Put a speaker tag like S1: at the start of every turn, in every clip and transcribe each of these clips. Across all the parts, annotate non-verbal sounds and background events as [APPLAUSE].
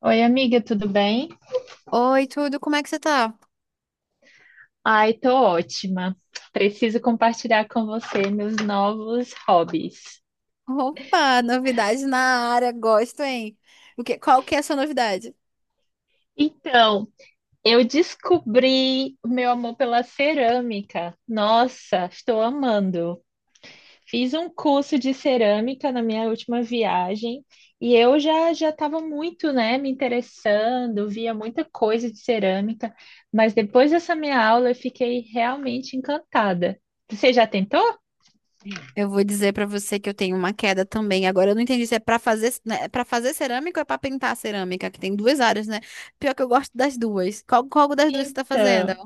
S1: Oi, amiga, tudo bem?
S2: Oi, tudo, como é que você tá?
S1: Ai, tô ótima. Preciso compartilhar com você meus novos hobbies.
S2: Opa, novidade na área, gosto, hein? Qual que é a sua novidade?
S1: Então, eu descobri o meu amor pela cerâmica. Nossa, estou amando. Fiz um curso de cerâmica na minha última viagem e eu já já estava muito, né, me interessando, via muita coisa de cerâmica, mas depois dessa minha aula eu fiquei realmente encantada. Você já tentou?
S2: Eu vou dizer pra você que eu tenho uma queda também. Agora eu não entendi se é né, para fazer cerâmica ou é pra pintar cerâmica, que tem duas áreas, né? Pior que eu gosto das duas. Qual das duas você tá fazendo?
S1: Então,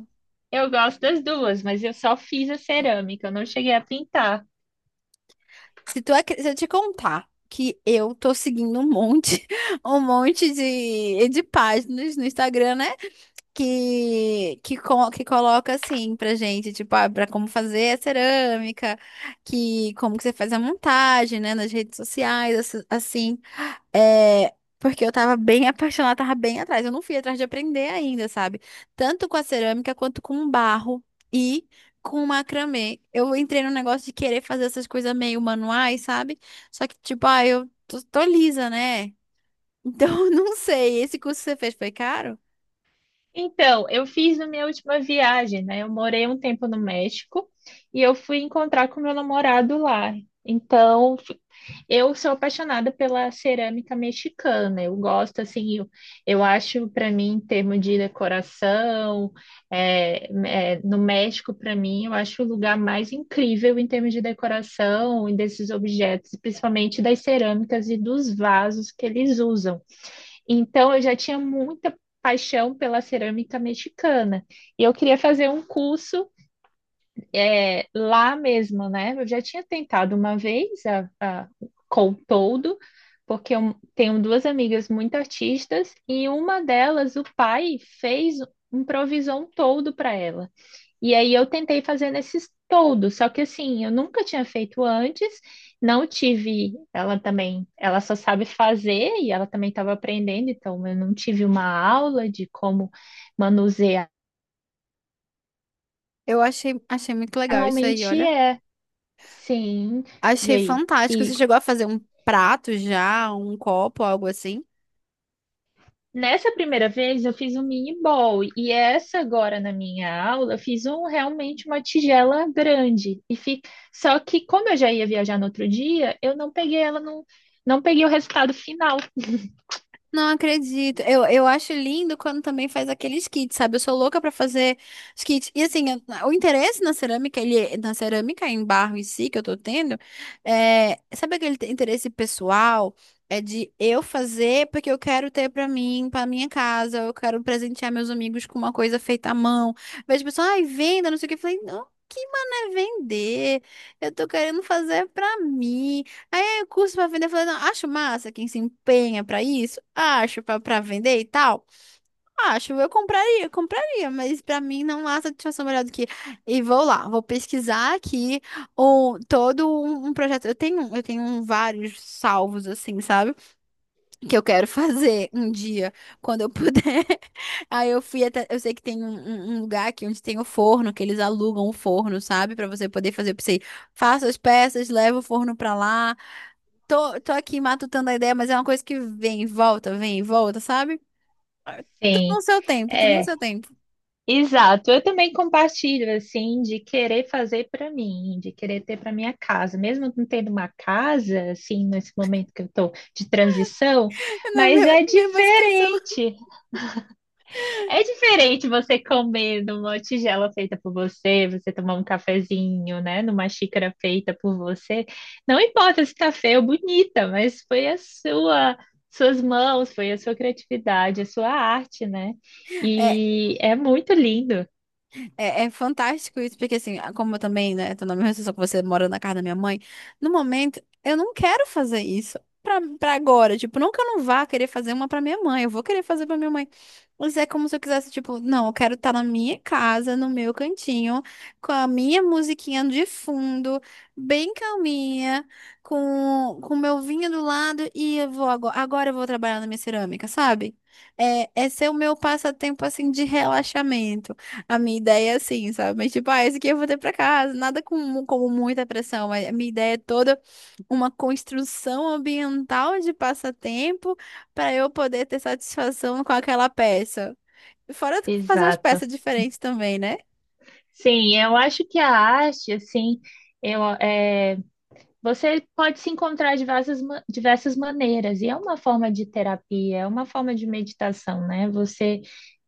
S1: eu gosto das duas, mas eu só fiz a cerâmica, eu não cheguei a pintar.
S2: Se tu acre- se eu te contar que eu tô seguindo um monte, [LAUGHS] um monte de páginas no Instagram, né? Que coloca assim pra gente, tipo, pra como fazer a cerâmica, que como que você faz a montagem, né, nas redes sociais, assim, porque eu tava bem apaixonada, tava bem atrás, eu não fui atrás de aprender ainda, sabe? Tanto com a cerâmica quanto com barro e com macramê. Eu entrei no negócio de querer fazer essas coisas meio manuais, sabe? Só que, tipo, eu tô lisa, né? Então, [LAUGHS] eu não sei, esse curso que você fez foi caro?
S1: Então, eu fiz na minha última viagem, né? Eu morei um tempo no México e eu fui encontrar com meu namorado lá. Então, eu sou apaixonada pela cerâmica mexicana. Eu gosto, assim, eu acho, para mim, em termos de decoração, é, no México, para mim, eu acho o lugar mais incrível em termos de decoração e desses objetos, principalmente das cerâmicas e dos vasos que eles usam. Então, eu já tinha muita paixão pela cerâmica mexicana. E eu queria fazer um curso lá mesmo, né? Eu já tinha tentado uma vez a com todo, porque eu tenho duas amigas muito artistas e uma delas, o pai, fez improvisou um toldo para ela. E aí eu tentei fazer nesses toldos, só que assim, eu nunca tinha feito antes, não tive, ela também, ela só sabe fazer e ela também estava aprendendo, então eu não tive uma aula de como manusear.
S2: Eu achei muito legal isso aí,
S1: Normalmente
S2: olha.
S1: é, sim, e
S2: Achei
S1: aí?
S2: fantástico.
S1: E
S2: Você chegou a fazer um prato já, um copo, algo assim?
S1: nessa primeira vez eu fiz um mini bowl, e essa agora na minha aula eu fiz um realmente uma tigela grande. E fi... Só que como eu já ia viajar no outro dia, eu não peguei o resultado final.
S2: Não acredito. Eu acho lindo quando também faz aqueles kits, sabe? Eu sou louca pra fazer os kits. E assim, o interesse na cerâmica, ele, na cerâmica em barro em si que eu tô tendo, sabe aquele interesse pessoal? É de eu fazer porque eu quero ter pra mim, pra minha casa, eu quero presentear meus amigos com uma coisa feita à mão. Vejo pessoal, ai, venda, não sei o que. Eu falei, não, que mano é vender? Eu tô querendo fazer pra mim curso para vender, eu falei, não, acho massa quem se empenha para isso, acho para vender e tal. Acho, eu compraria, compraria, mas para mim não há satisfação melhor do que e vou lá, vou pesquisar aqui o todo um projeto. Eu tenho vários salvos assim, sabe? Que eu quero fazer um dia quando eu puder. [LAUGHS] Aí eu fui até, eu sei que tem um lugar aqui onde tem o forno, que eles alugam o forno, sabe? Para você poder fazer, eu pensei, faço as peças, levo o forno para lá. Tô aqui matutando a ideia, mas é uma coisa que vem e volta, sabe? Tudo no
S1: Sim.
S2: seu tempo, tudo no
S1: É,
S2: seu tempo.
S1: exato. Eu também compartilho assim de querer fazer para mim, de querer ter para minha casa, mesmo não tendo uma casa assim nesse momento que eu estou de transição,
S2: [LAUGHS] Na
S1: mas
S2: mesma,
S1: é
S2: mesma situação.
S1: diferente. É diferente você comer numa tigela feita por você, você tomar um cafezinho, né, numa xícara feita por você. Não importa se tá feia ou bonita, mas foi a sua, suas mãos, foi a sua criatividade, a sua arte, né?
S2: É,
S1: E é muito lindo.
S2: é fantástico isso, porque assim, como eu também, né, tô na mesma situação que você, morando na casa da minha mãe, no momento, eu não quero fazer isso pra agora. Tipo, não que eu não vá querer fazer uma pra minha mãe, eu vou querer fazer pra minha mãe. Mas é como se eu quisesse, tipo, não, eu quero estar na minha casa, no meu cantinho, com a minha musiquinha de fundo, bem calminha, com o meu vinho do lado, e eu vou agora, agora eu vou trabalhar na minha cerâmica, sabe? Esse é o meu passatempo, assim, de relaxamento. A minha ideia é assim, sabe? Mas tipo, esse aqui eu vou ter pra casa. Nada como muita pressão. Mas a minha ideia é toda uma construção ambiental de passatempo para eu poder ter satisfação com aquela peça. Fora fazer umas
S1: Exato.
S2: peças diferentes também, né?
S1: Sim, eu acho que a arte, assim, eu, é, você pode se encontrar de diversas maneiras, e é uma forma de terapia, é uma forma de meditação, né? Você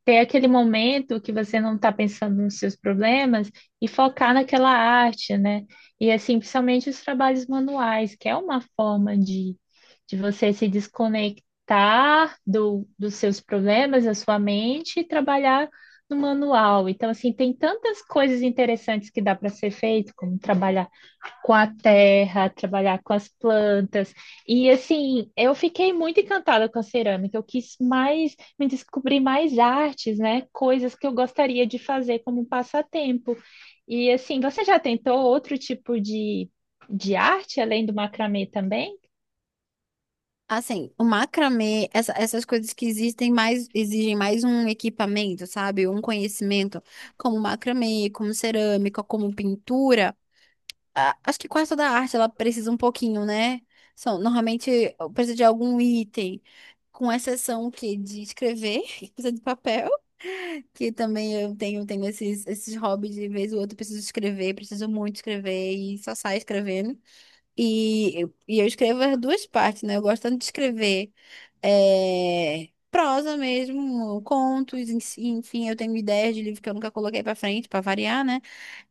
S1: ter aquele momento que você não está pensando nos seus problemas e focar naquela arte, né? E assim, principalmente os trabalhos manuais, que é uma forma de você se desconectar dos seus problemas, da sua mente, e trabalhar no manual. Então, assim, tem tantas coisas interessantes que dá para ser feito, como trabalhar com a terra, trabalhar com as plantas. E assim, eu fiquei muito encantada com a cerâmica. Eu quis mais me descobrir mais artes, né? Coisas que eu gostaria de fazer como um passatempo. E assim, você já tentou outro tipo de arte além do macramê também?
S2: Assim, o macramê, essas coisas que exigem mais um equipamento, sabe? Um conhecimento, como macramê, como cerâmica, como pintura. Acho que quase toda arte ela precisa um pouquinho, né? Normalmente precisa de algum item, com exceção que de escrever, [LAUGHS] que precisa de papel, que também eu tenho esses hobbies de vez ou outra, preciso escrever, preciso muito escrever e só saio escrevendo. E eu escrevo as duas partes, né? Eu gosto tanto de escrever prosa mesmo, contos, enfim, eu tenho ideias de livro que eu nunca coloquei pra frente, pra variar, né?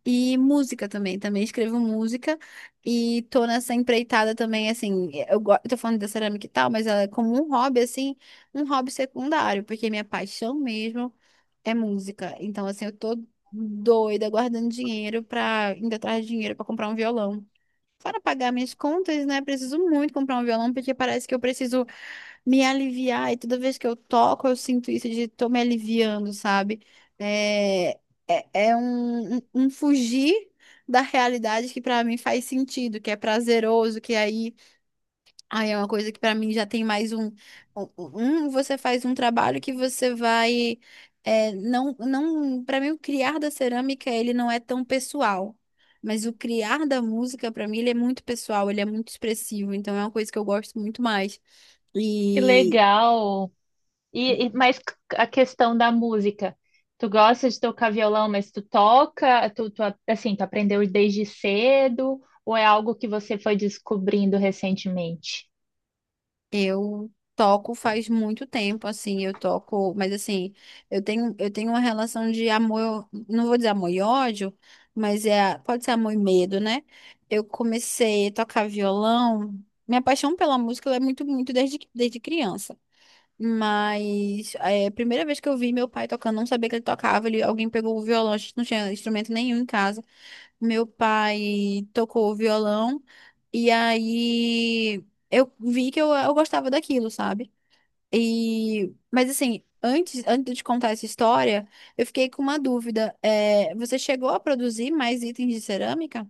S2: E música também, também escrevo música e tô nessa empreitada também, assim, eu tô falando da cerâmica e tal, mas ela é como um hobby, assim, um hobby secundário, porque minha paixão mesmo é música. Então, assim, eu tô doida guardando dinheiro indo atrás de dinheiro pra comprar um violão. Para pagar minhas contas, né? Preciso muito comprar um violão, porque parece que eu preciso me aliviar. E toda vez que eu toco, eu sinto isso de tô me aliviando, sabe? É, é um fugir da realidade que para mim faz sentido, que é prazeroso, que aí Aí é uma coisa que pra mim já tem mais um, você faz um trabalho que você vai, não, não, para mim o criar da cerâmica ele não é tão pessoal, mas o criar da música pra mim ele é muito pessoal, ele é muito expressivo, então é uma coisa que eu gosto muito mais.
S1: Que legal! E mais a questão da música. Tu gosta de tocar violão, mas tu toca, tu, tu, assim, tu aprendeu desde cedo, ou é algo que você foi descobrindo recentemente?
S2: Eu toco faz muito tempo, assim, eu toco, mas assim, eu tenho uma relação de amor, não vou dizer amor e ódio, mas pode ser amor e medo, né? Eu comecei a tocar violão, minha paixão pela música ela é muito, muito desde criança. Mas a primeira vez que eu vi meu pai tocando, não sabia que ele tocava, alguém pegou o violão, a gente não tinha instrumento nenhum em casa. Meu pai tocou o violão e aí eu vi que eu gostava daquilo, sabe? E mas assim, antes de contar essa história, eu fiquei com uma dúvida. Você chegou a produzir mais itens de cerâmica?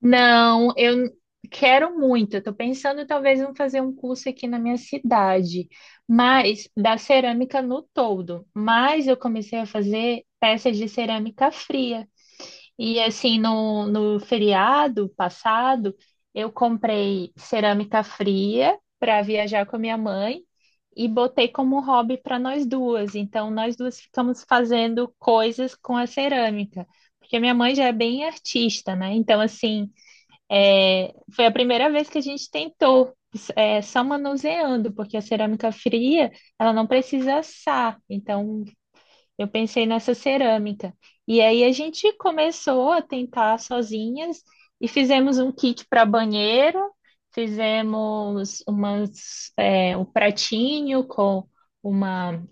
S1: Não, eu quero muito. Eu tô pensando talvez em fazer um curso aqui na minha cidade, mas da cerâmica no todo. Mas eu comecei a fazer peças de cerâmica fria. E assim, no feriado passado, eu comprei cerâmica fria para viajar com a minha mãe e botei como hobby para nós duas. Então, nós duas ficamos fazendo coisas com a cerâmica, porque minha mãe já é bem artista, né? Então, assim, foi a primeira vez que a gente tentou, só manuseando, porque a cerâmica fria, ela não precisa assar. Então, eu pensei nessa cerâmica. E aí a gente começou a tentar sozinhas e fizemos um kit para banheiro, fizemos umas, um pratinho com uma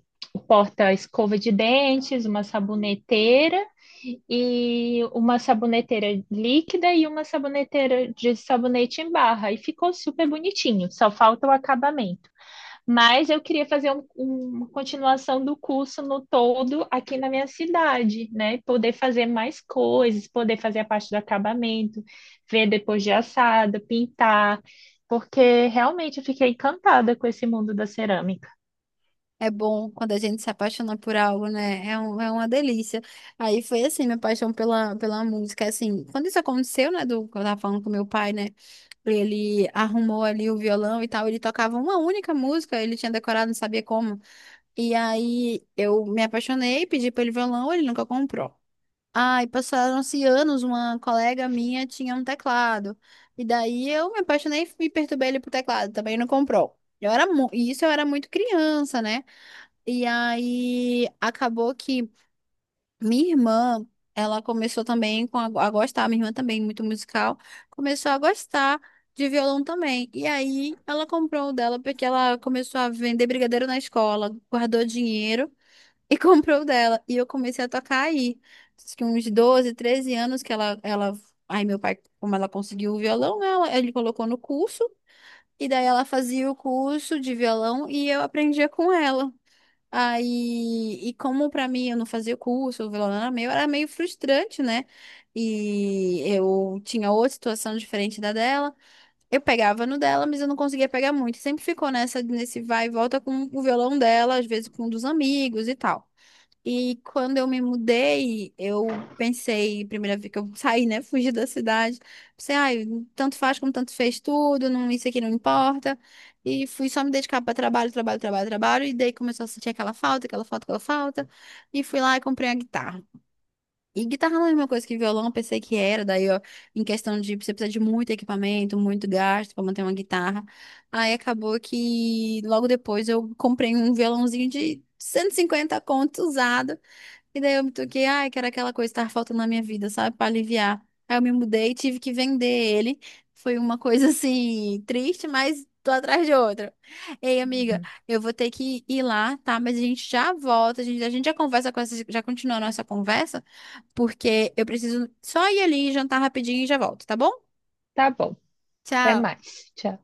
S1: porta-escova de dentes, uma saboneteira e uma saboneteira líquida e uma saboneteira de sabonete em barra. E ficou super bonitinho, só falta o acabamento. Mas eu queria fazer uma continuação do curso no todo aqui na minha cidade, né? Poder fazer mais coisas, poder fazer a parte do acabamento, ver depois de assado, pintar, porque realmente eu fiquei encantada com esse mundo da cerâmica.
S2: É bom quando a gente se apaixona por algo, né? É uma delícia. Aí foi assim, minha paixão pela música. Assim, quando isso aconteceu, né? Do que eu tava falando com meu pai, né? Ele arrumou ali o violão e tal. Ele tocava uma única música, ele tinha decorado, não sabia como. E aí eu me apaixonei, pedi pra ele violão, ele nunca comprou. Ai, passaram-se anos, uma colega minha tinha um teclado. E daí eu me apaixonei e perturbei ele pro teclado, também não comprou. E isso eu era muito criança, né? E aí acabou que minha irmã, ela começou também a gostar, minha irmã também muito musical, começou a gostar de violão também. E aí ela comprou o dela porque ela começou a vender brigadeiro na escola, guardou dinheiro e [LAUGHS] comprou o dela. E eu comecei a tocar aí. Acho que uns 12 13 anos que ela... Aí meu pai, como ela conseguiu o violão, ele colocou no curso. E daí ela fazia o curso de violão e eu aprendia com ela. Aí, e como pra mim eu não fazia o curso, o violão era meu, era meio frustrante, né? E eu tinha outra situação diferente da dela. Eu pegava no dela, mas eu não conseguia pegar muito. Sempre ficou nesse vai e volta com o violão dela, às vezes com um dos amigos e tal. E quando eu me mudei, eu pensei, primeira vez que eu saí, né, fugi da cidade, pensei, ai, tanto faz como tanto fez tudo, não, isso aqui não importa. E fui só me dedicar para trabalho, trabalho, trabalho, trabalho, e daí começou a sentir aquela falta, aquela falta, aquela falta, e fui lá e comprei a guitarra. E guitarra não é a mesma coisa que violão, eu pensei que era, daí ó, em questão de você precisa de muito equipamento, muito gasto para manter uma guitarra. Aí acabou que logo depois eu comprei um violãozinho de 150 conto usado. E daí eu me toquei, ai, que era aquela coisa que tava faltando na minha vida, sabe? Pra aliviar. Aí eu me mudei, e tive que vender ele. Foi uma coisa [LAUGHS] assim, triste, mas tô atrás de outra. Ei, amiga,
S1: Uhum.
S2: eu vou ter que ir lá, tá? Mas a gente já volta, a gente já conversa com essa, já continua a nossa conversa, porque eu preciso só ir ali, jantar rapidinho e já volto, tá bom?
S1: Tá bom, até
S2: Tchau.
S1: mais. Tchau.